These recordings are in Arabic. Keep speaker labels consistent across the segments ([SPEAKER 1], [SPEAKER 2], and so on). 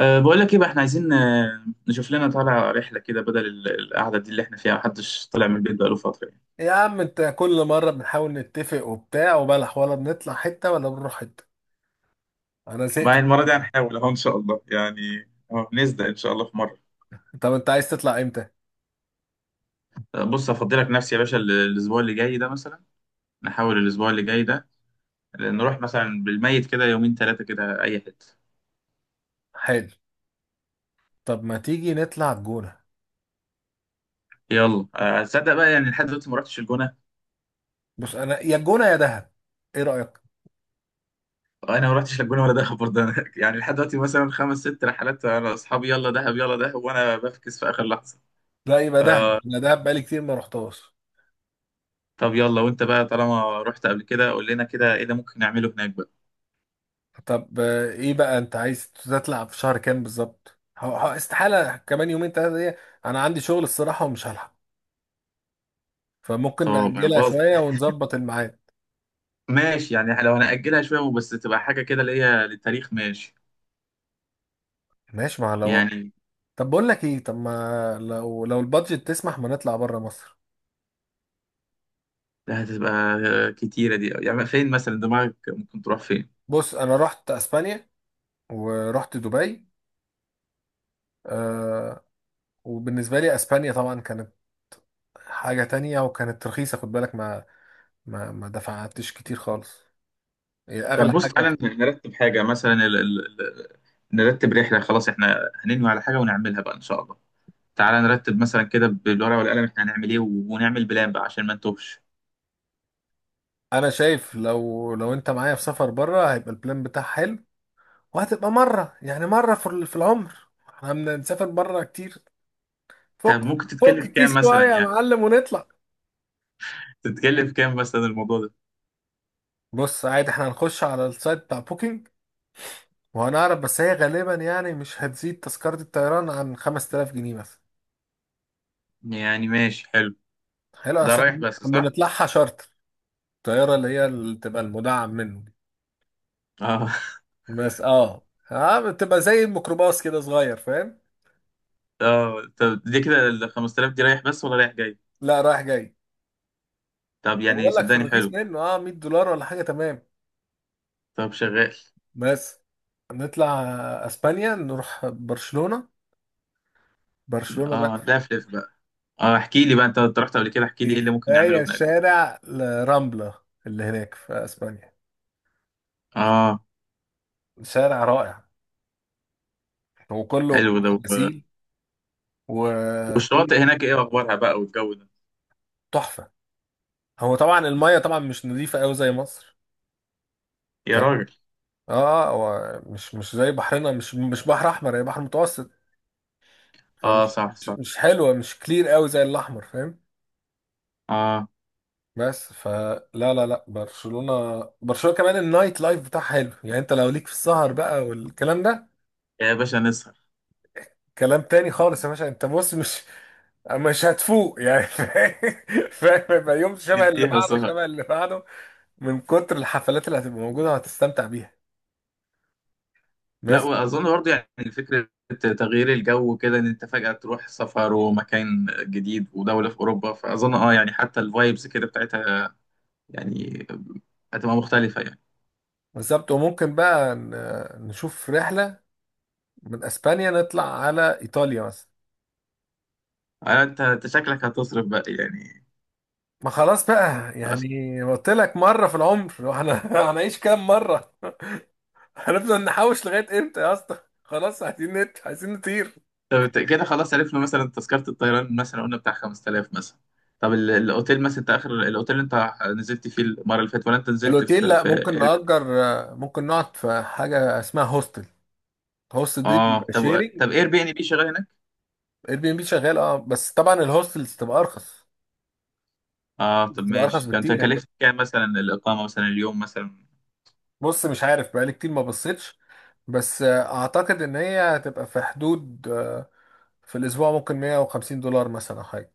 [SPEAKER 1] بقول لك ايه بقى، احنا عايزين نشوف لنا طالع رحله كده بدل القعده دي اللي احنا فيها محدش طلع من البيت بقاله فتره يعني.
[SPEAKER 2] يا عم، انت كل مرة بنحاول نتفق وبتاع وبلح، ولا بنطلع حتة ولا بنروح حتة. انا زهقت
[SPEAKER 1] مع
[SPEAKER 2] من
[SPEAKER 1] المره دي
[SPEAKER 2] الكلام
[SPEAKER 1] هنحاول اهو ان شاء الله يعني نصدق ان شاء الله في مره.
[SPEAKER 2] ده. طب انت عايز تطلع امتى؟
[SPEAKER 1] بص افضلك نفسي يا باشا الاسبوع اللي جاي ده مثلا. نحاول الاسبوع اللي جاي ده، نروح مثلا بالميت كده يومين ثلاثه كده اي حته.
[SPEAKER 2] حلو. طب ما تيجي نطلع الجونة؟
[SPEAKER 1] يلا تصدق بقى يعني لحد دلوقتي ما رحتش الجونه.
[SPEAKER 2] بص، انا يا الجونة يا دهب. ايه رأيك؟
[SPEAKER 1] انا ما رحتش الجونه ولا دهب برضه، أنا يعني لحد دلوقتي مثلا خمس ست رحلات انا اصحابي يلا دهب يلا دهب وانا بفكس في اخر لحظه.
[SPEAKER 2] لا، يبقى دهب. انا دهب بقالي كتير ما رحتهاش.
[SPEAKER 1] طب يلا، وانت بقى طالما رحت قبل كده قول لنا كده ايه اللي ممكن نعمله هناك بقى.
[SPEAKER 2] طب، ايه بقى انت عايز تطلع في شهر كام بالظبط؟ استحالة كمان يومين ثلاثة دي. انا عندي شغل الصراحة ومش هلحق، فممكن
[SPEAKER 1] طب
[SPEAKER 2] نأجلها
[SPEAKER 1] باظ.
[SPEAKER 2] شوية ونظبط الميعاد.
[SPEAKER 1] ماشي يعني لو هنأجلها شوية بس تبقى حاجة كده اللي هي للتاريخ ماشي.
[SPEAKER 2] ماشي ما لو.
[SPEAKER 1] يعني
[SPEAKER 2] طب بقول لك ايه، طب ما لو البادجت تسمح ما نطلع بره مصر؟
[SPEAKER 1] هتبقى كتيرة دي، يعني فين مثلا دماغك ممكن تروح فين؟
[SPEAKER 2] بص، انا رحت اسبانيا ورحت دبي. آه. وبالنسبه لي، اسبانيا طبعا كانت حاجه تانية، وكانت رخيصه، خد بالك. ما دفعتش كتير خالص. هي اغلى
[SPEAKER 1] طب بص،
[SPEAKER 2] حاجه.
[SPEAKER 1] تعالى نرتب حاجة مثلا نرتب رحلة، خلاص احنا هننوي على حاجة ونعملها بقى ان شاء الله. تعالى نرتب مثلا كده بالورقة والقلم، احنا هنعمل ايه، ونعمل بلان بقى عشان ما نتوهش.
[SPEAKER 2] انا شايف لو انت معايا في سفر بره، هيبقى البلان بتاعها حلو. وهتبقى مره يعني مره في في العمر، احنا بنسافر بره كتير. فك
[SPEAKER 1] طب ممكن
[SPEAKER 2] فك
[SPEAKER 1] تتكلف كام
[SPEAKER 2] الكيس
[SPEAKER 1] مثلا
[SPEAKER 2] شويه يا
[SPEAKER 1] يعني؟
[SPEAKER 2] معلم، ونطلع.
[SPEAKER 1] تتكلف كام مثلا الموضوع ده؟
[SPEAKER 2] بص، عادي احنا هنخش على السايت بتاع بوكينج، وانا اعرف، بس هي غالبا يعني مش هتزيد تذكرة الطيران عن 5000 جنيه مثلا.
[SPEAKER 1] يعني ماشي حلو.
[SPEAKER 2] حلو
[SPEAKER 1] ده
[SPEAKER 2] أصل.
[SPEAKER 1] رايح بس صح؟
[SPEAKER 2] بنطلعها شارتر. الطيارة اللي بتبقى المدعم منه.
[SPEAKER 1] اه.
[SPEAKER 2] بس اه بتبقى زي الميكروباص كده صغير. فاهم؟
[SPEAKER 1] اه طب دي كده ال 5000 دي رايح بس ولا رايح جاي؟
[SPEAKER 2] لا، رايح جاي.
[SPEAKER 1] طب
[SPEAKER 2] طب
[SPEAKER 1] يعني
[SPEAKER 2] بقول لك في
[SPEAKER 1] صدقني
[SPEAKER 2] الرخيص
[SPEAKER 1] حلو.
[SPEAKER 2] منه 100 دولار ولا حاجة. تمام.
[SPEAKER 1] طب شغال.
[SPEAKER 2] بس نطلع اسبانيا، نروح برشلونة. برشلونة
[SPEAKER 1] اه
[SPEAKER 2] بقى،
[SPEAKER 1] لفلف بقى. اه احكي لي بقى، انت رحت قبل كده، احكي لي ايه
[SPEAKER 2] في
[SPEAKER 1] اللي ممكن نعمله
[SPEAKER 2] هي
[SPEAKER 1] هناك بقى.
[SPEAKER 2] شارع رامبلا اللي هناك في اسبانيا.
[SPEAKER 1] اه.
[SPEAKER 2] شارع رائع، وكله
[SPEAKER 1] حلو
[SPEAKER 2] كله
[SPEAKER 1] ده،
[SPEAKER 2] خمسين، وكل
[SPEAKER 1] والشواطئ هناك ايه اخبارها بقى، والجو ده؟
[SPEAKER 2] تحفه. هو طبعا الميه طبعا مش نظيفه قوي زي مصر.
[SPEAKER 1] يا
[SPEAKER 2] فاهم؟
[SPEAKER 1] راجل.
[SPEAKER 2] اه، هو مش زي بحرنا، مش بحر احمر، هي بحر متوسط.
[SPEAKER 1] اه
[SPEAKER 2] فمش
[SPEAKER 1] صح
[SPEAKER 2] مش
[SPEAKER 1] صح.
[SPEAKER 2] مش حلوه، مش كلير قوي زي الاحمر. فاهم؟
[SPEAKER 1] اه.
[SPEAKER 2] بس. فلا، لا، لا، برشلونه برشلونه كمان النايت لايف بتاعها حلو. يعني انت لو ليك في السهر بقى والكلام ده،
[SPEAKER 1] يا باشا نسهر.
[SPEAKER 2] كلام تاني خالص يا باشا. انت بص مش هتفوق يعني. فاهم، فاهم؟ يبقى يوم شبه اللي
[SPEAKER 1] نديها
[SPEAKER 2] بعده،
[SPEAKER 1] سهر.
[SPEAKER 2] شبه اللي بعده، من كتر الحفلات اللي هتبقى موجوده، وهتستمتع بيها.
[SPEAKER 1] لا
[SPEAKER 2] بس،
[SPEAKER 1] واظن برضه يعني فكره تغيير الجو كده، ان انت فجاه تروح سفر ومكان جديد ودوله في اوروبا، فاظن اه يعني حتى الفايبس كده بتاعتها يعني هتبقى مختلفة يعني.
[SPEAKER 2] بالظبط. وممكن بقى نشوف رحلة من اسبانيا نطلع على ايطاليا مثلا.
[SPEAKER 1] انت شكلك هتصرف بقى يعني.
[SPEAKER 2] ما خلاص بقى
[SPEAKER 1] أص-
[SPEAKER 2] يعني، قلت لك مرة في العمر، واحنا هنعيش كام مرة؟ هنفضل نحوش لغاية امتى يا اسطى؟ خلاص عايزين نطير.
[SPEAKER 1] طب كده خلاص عرفنا مثلا تذكرة الطيران مثلا قلنا بتاع 5000 مثلا. طب الاوتيل مثلا، انت اخر الاوتيل اللي انت نزلت فيه المرة اللي فاتت، ولا انت نزلت
[SPEAKER 2] الاوتيل؟
[SPEAKER 1] في
[SPEAKER 2] لا،
[SPEAKER 1] في
[SPEAKER 2] ممكن
[SPEAKER 1] اير.
[SPEAKER 2] نأجر. ممكن نقعد في حاجة اسمها هوستل. هوستل دي
[SPEAKER 1] اه
[SPEAKER 2] بيبقى
[SPEAKER 1] طب
[SPEAKER 2] شيرنج.
[SPEAKER 1] طب اير بي ان بي شغال هناك؟
[SPEAKER 2] اير بي ام بي شغال، اه، بس طبعا الهوستلز تبقى ارخص،
[SPEAKER 1] اه طب
[SPEAKER 2] بتبقى ارخص
[SPEAKER 1] ماشي، كانت
[SPEAKER 2] بكتير.
[SPEAKER 1] كلفت كام مثلا الاقامة مثلا اليوم مثلا؟
[SPEAKER 2] بص، مش عارف، بقالي كتير ما بصيتش، بس اعتقد ان هي هتبقى في حدود، في الاسبوع ممكن 150 دولار مثلا أو حاجه.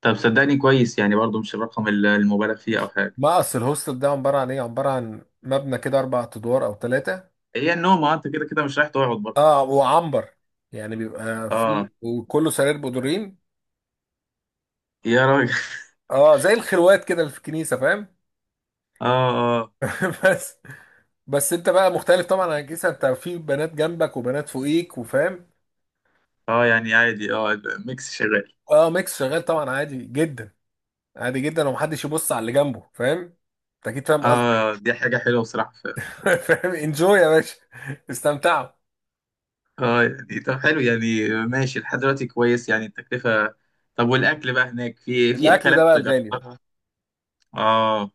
[SPEAKER 1] طب صدقني كويس يعني برضو مش الرقم المبالغ فيه او حاجة.
[SPEAKER 2] ما اصل الهوستل ده عباره عن ايه؟ عباره عن مبنى كده اربع ادوار او ثلاثه.
[SPEAKER 1] هي النوم اه انت كده كده مش رايح تقعد برضه.
[SPEAKER 2] اه، وعنبر يعني بيبقى
[SPEAKER 1] اه.
[SPEAKER 2] فيه، وكله سرير بدورين.
[SPEAKER 1] يا راجل
[SPEAKER 2] اه، زي الخروات كده اللي في الكنيسه. فاهم؟
[SPEAKER 1] اه
[SPEAKER 2] بس بس انت بقى مختلف طبعا عن الكنيسه. انت في بنات جنبك وبنات فوقيك، وفاهم.
[SPEAKER 1] اه يعني عادي، اه الميكس شغال.
[SPEAKER 2] اه، ميكس شغال طبعا، عادي جدا. عادي جدا، ومحدش يبص على اللي جنبه. فاهم؟ انت اكيد فاهم.
[SPEAKER 1] اه دي حاجة حلوة بصراحة
[SPEAKER 2] فاهم، انجوي يا باشا، استمتعوا.
[SPEAKER 1] اه يعني طب حلو يعني ماشي لحد دلوقتي كويس يعني التكلفة. طب والأكل بقى هناك، في
[SPEAKER 2] الاكل ده بقى
[SPEAKER 1] أكلات
[SPEAKER 2] الغالي بقى.
[SPEAKER 1] جربتها؟ اه.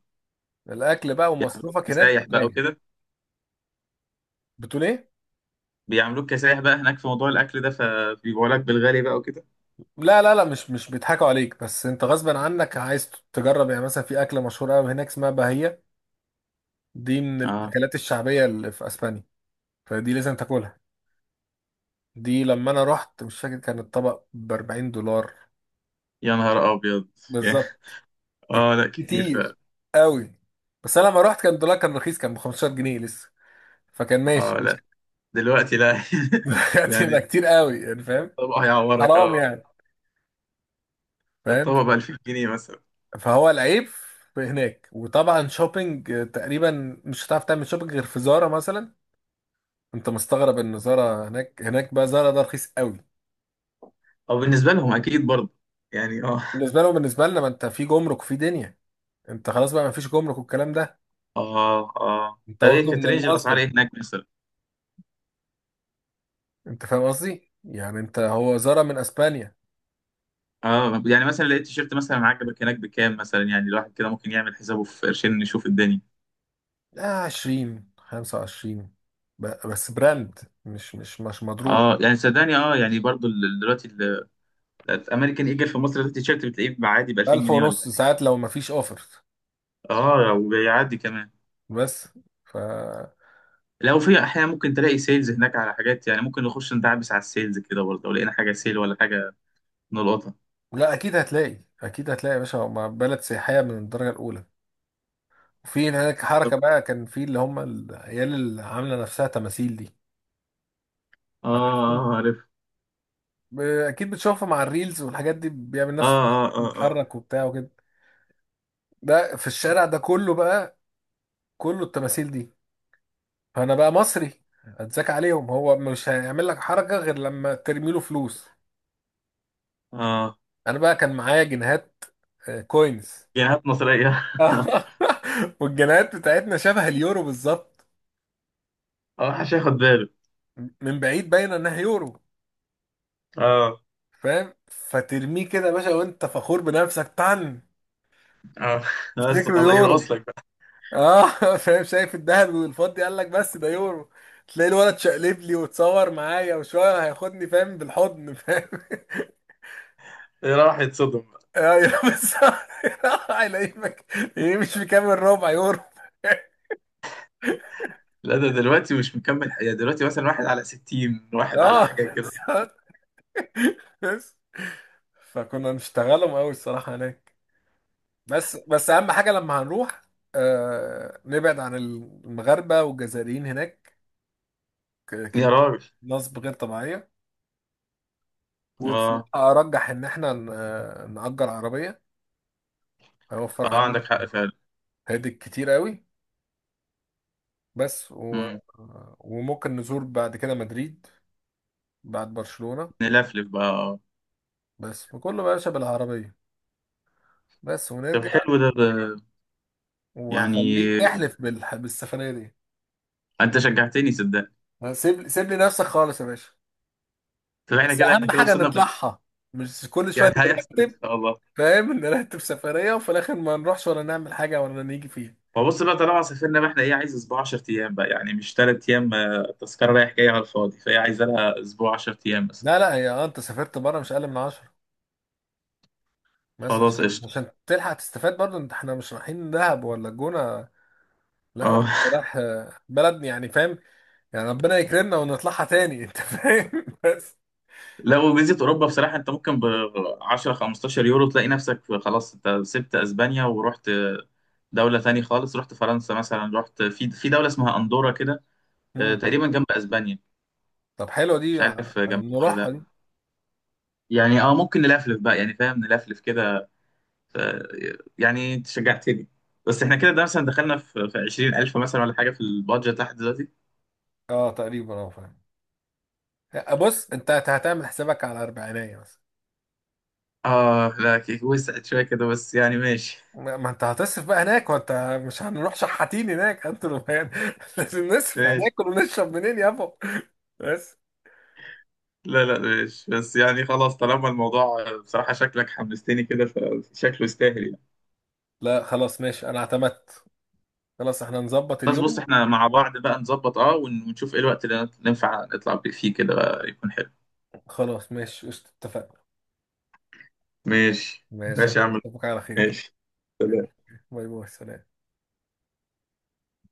[SPEAKER 2] الاكل بقى ومصروفك هناك ده
[SPEAKER 1] كسايح بقى
[SPEAKER 2] غالي.
[SPEAKER 1] وكده.
[SPEAKER 2] بتقول ايه؟
[SPEAKER 1] بيعملوك كسايح بقى هناك في موضوع الأكل ده، فبيبيعوا لك بالغالي بقى وكده.
[SPEAKER 2] لا، لا، لا، مش بيضحكوا عليك، بس انت غصب عنك عايز تجرب، يعني مثلا في اكله مشهوره قوي هناك اسمها باهيه، دي من
[SPEAKER 1] اه
[SPEAKER 2] الاكلات الشعبيه اللي في اسبانيا، فدي لازم تاكلها. دي لما انا رحت، مش فاكر، كان الطبق ب 40 دولار.
[SPEAKER 1] يا نهار أبيض يا-
[SPEAKER 2] بالظبط.
[SPEAKER 1] اه لا كتير
[SPEAKER 2] كتير
[SPEAKER 1] فعلا.
[SPEAKER 2] قوي. بس انا لما رحت كان الدولار كان رخيص، كان ب 15 جنيه لسه، فكان ماشي.
[SPEAKER 1] اه لا دلوقتي لا يعني.
[SPEAKER 2] هتبقى كتير قوي يعني، فاهم؟
[SPEAKER 1] الطبق هيعورك
[SPEAKER 2] حرام
[SPEAKER 1] اه.
[SPEAKER 2] يعني، فاهم؟
[SPEAKER 1] الطبق ب 2000 جنيه مثلا.
[SPEAKER 2] فهو العيب في هناك. وطبعا شوبينج تقريبا مش هتعرف تعمل شوبينج غير في زارا مثلا. انت مستغرب ان زارا هناك، هناك بقى زارا ده رخيص قوي.
[SPEAKER 1] او بالنسبة لهم أكيد برضه يعني. اه
[SPEAKER 2] بالنسبه لهم. بالنسبه لنا، ما انت في جمرك وفي دنيا، انت خلاص بقى ما فيش جمرك والكلام ده،
[SPEAKER 1] اه اه
[SPEAKER 2] انت
[SPEAKER 1] طب ايه
[SPEAKER 2] واخده
[SPEAKER 1] كانت
[SPEAKER 2] من
[SPEAKER 1] رينج الاسعار
[SPEAKER 2] المصدر.
[SPEAKER 1] ايه هناك مثلا؟
[SPEAKER 2] انت فاهم قصدي؟ يعني انت، هو زارا من اسبانيا.
[SPEAKER 1] اه يعني مثلا لقيت تيشيرت مثلا عجبك هناك بكام مثلا يعني، الواحد كده ممكن يعمل حسابه في قرشين نشوف الدنيا.
[SPEAKER 2] لا، 20 25، بس براند، مش مضروب.
[SPEAKER 1] اه يعني صدقني، اه يعني برضو دلوقتي الامريكان ايجل في مصر ده التيشيرت بتلاقيه عادي ب 2000
[SPEAKER 2] 1000
[SPEAKER 1] جنيه ولا
[SPEAKER 2] ونص،
[SPEAKER 1] حاجه.
[SPEAKER 2] ساعات لو ما فيش اوفر.
[SPEAKER 1] اه وبيعدي كمان.
[SPEAKER 2] بس. ف
[SPEAKER 1] لو في احيانا ممكن تلاقي سيلز هناك على حاجات، يعني ممكن نخش ندعبس على السيلز كده برضه، لو لقينا حاجه سيل ولا حاجه نلقطها.
[SPEAKER 2] لا، اكيد هتلاقي، اكيد هتلاقي يا باشا، هما بلد سياحيه من الدرجه الاولى. وفي هناك حركه بقى، كان في اللي هم العيال اللي عامله نفسها تماثيل دي.
[SPEAKER 1] اه اه
[SPEAKER 2] عارفهم.
[SPEAKER 1] آه، عارف.
[SPEAKER 2] اكيد بتشوفها مع الريلز والحاجات دي، بيعمل
[SPEAKER 1] اه
[SPEAKER 2] نفسه
[SPEAKER 1] اه اه اه
[SPEAKER 2] بيتحرك وبتاع وكده. ده في الشارع ده كله بقى، كله التماثيل دي. فانا بقى مصري، اتذاك عليهم. هو مش هيعمل لك حركه غير لما ترمي له فلوس.
[SPEAKER 1] اه.
[SPEAKER 2] انا بقى كان معايا جنيهات، كوينز.
[SPEAKER 1] جنيهات مصريه.
[SPEAKER 2] والجنيهات بتاعتنا شبه اليورو بالظبط،
[SPEAKER 1] اه حش ياخد باله.
[SPEAKER 2] من بعيد باينه انها يورو.
[SPEAKER 1] اه.
[SPEAKER 2] فاهم؟ فترميه كده يا باشا وانت فخور بنفسك طن،
[SPEAKER 1] اه بس
[SPEAKER 2] تفتكره
[SPEAKER 1] خلاص يرقص
[SPEAKER 2] يورو.
[SPEAKER 1] لك بقى.
[SPEAKER 2] اه. فاهم؟ شايف الدهب والفضي، قال لك بس ده يورو. تلاقي الولد شقلب لي وتصور معايا، وشويه هياخدني فاهم بالحضن. فاهم؟
[SPEAKER 1] راح يتصدم بقى.
[SPEAKER 2] ايوه، بس هيلاقيك. إيه، مش في كام الربع يورو؟
[SPEAKER 1] لا ده دلوقتي مش مكمل حياة دلوقتي، مثلا واحد على 60 واحد على
[SPEAKER 2] اه.
[SPEAKER 1] حاجة كده.
[SPEAKER 2] بس بس فكنا نشتغلهم قوي الصراحه هناك. بس اهم حاجه لما هنروح، آه، نبعد عن المغاربه والجزائريين هناك،
[SPEAKER 1] يا
[SPEAKER 2] كمية
[SPEAKER 1] راجل.
[SPEAKER 2] نصب غير طبيعية. وبصراحة
[SPEAKER 1] اه.
[SPEAKER 2] أرجح إن إحنا نأجر عربية، هيوفر
[SPEAKER 1] اه
[SPEAKER 2] علينا.
[SPEAKER 1] عندك حق فعلا.
[SPEAKER 2] هادي كتير قوي. بس و.
[SPEAKER 1] مم.
[SPEAKER 2] وممكن نزور بعد كده مدريد، بعد برشلونة.
[SPEAKER 1] نلفلف بقى آه.
[SPEAKER 2] بس وكله بقى باشا بالعربية، بس
[SPEAKER 1] طب
[SPEAKER 2] ونرجع.
[SPEAKER 1] حلو ده، ده يعني
[SPEAKER 2] وهخليك احلف بالسفرية دي.
[SPEAKER 1] انت شجعتني صدقني.
[SPEAKER 2] سيب، سيب لي نفسك خالص يا باشا.
[SPEAKER 1] طب احنا
[SPEAKER 2] بس
[SPEAKER 1] كده احنا
[SPEAKER 2] أهم
[SPEAKER 1] كده
[SPEAKER 2] حاجة
[SPEAKER 1] وصلنا بال...
[SPEAKER 2] نطلعها، مش كل
[SPEAKER 1] يعني
[SPEAKER 2] شوية
[SPEAKER 1] هيحصل ان
[SPEAKER 2] نرتب.
[SPEAKER 1] شاء الله.
[SPEAKER 2] فاهم؟ نرتب سفرية وفي الآخر ما نروحش ولا نعمل حاجة ولا نيجي فيها.
[SPEAKER 1] ما بص بقى، طالما سافرنا بقى احنا ايه، عايز اسبوع 10 ايام بقى يعني مش 3 ايام، آه، تذكرة رايح جاي على الفاضي، فهي عايزه لها اسبوع 10 ايام مثلا.
[SPEAKER 2] لا، لا، هي انت سافرت بره مش اقل من 10. بس
[SPEAKER 1] خلاص
[SPEAKER 2] عشان
[SPEAKER 1] قشطة.
[SPEAKER 2] عشان تلحق تستفاد برضو انت، احنا مش رايحين دهب ولا الجونة. لا، لا، انت
[SPEAKER 1] اه
[SPEAKER 2] رايح بلد يعني. فاهم؟ يعني ربنا يكرمنا ونطلعها تاني. انت فاهم. بس.
[SPEAKER 1] لا وفيزيت اوروبا بصراحه انت ممكن ب 10 15 يورو تلاقي نفسك خلاص انت سبت اسبانيا ورحت دوله تاني خالص، رحت فرنسا مثلا، رحت في دوله اسمها اندورا كده. آه،
[SPEAKER 2] مم.
[SPEAKER 1] تقريبا جنب اسبانيا.
[SPEAKER 2] طب حلوة
[SPEAKER 1] مش
[SPEAKER 2] دي،
[SPEAKER 1] عارف جنبها ولا
[SPEAKER 2] نروحها
[SPEAKER 1] لا.
[SPEAKER 2] دي.
[SPEAKER 1] يعني اه ممكن نلفلف بقى يعني فاهم، نلفلف كده. ف- يعني انت شجعتني. بس احنا كده ده مثلا دخلنا في 20,000 مثلا ولا حاجه في البادجت لحد دلوقتي.
[SPEAKER 2] اه، تقريبا، اه، فاهم. بص انت هتعمل حسابك على اربعينية مثلا.
[SPEAKER 1] اه لا كيك وسعت شويه كده بس يعني ماشي.
[SPEAKER 2] ما انت هتصرف بقى هناك وانت، مش هنروح شحاتين هناك انتوا يعني. لازم نصرف،
[SPEAKER 1] ماشي.
[SPEAKER 2] هناكل ونشرب منين يابا؟ بس.
[SPEAKER 1] لا لا ماشي بس يعني خلاص، طالما الموضوع بصراحة شكلك حمستني كده، فشكله يستاهل يعني.
[SPEAKER 2] لا، خلاص ماشي، انا اعتمدت. خلاص احنا نظبط
[SPEAKER 1] خلاص بص
[SPEAKER 2] اليوم.
[SPEAKER 1] احنا مع بعض بقى نظبط اه ونشوف ايه الوقت اللي ننفع نطلع فيه كده بقى يكون حلو.
[SPEAKER 2] خلاص، ماشي، قشطة، اتفقنا.
[SPEAKER 1] ماشي.
[SPEAKER 2] ماشي.
[SPEAKER 1] ماشي يا عم.
[SPEAKER 2] أشوفك على خير.
[SPEAKER 1] ماشي.
[SPEAKER 2] باي باي. سلام.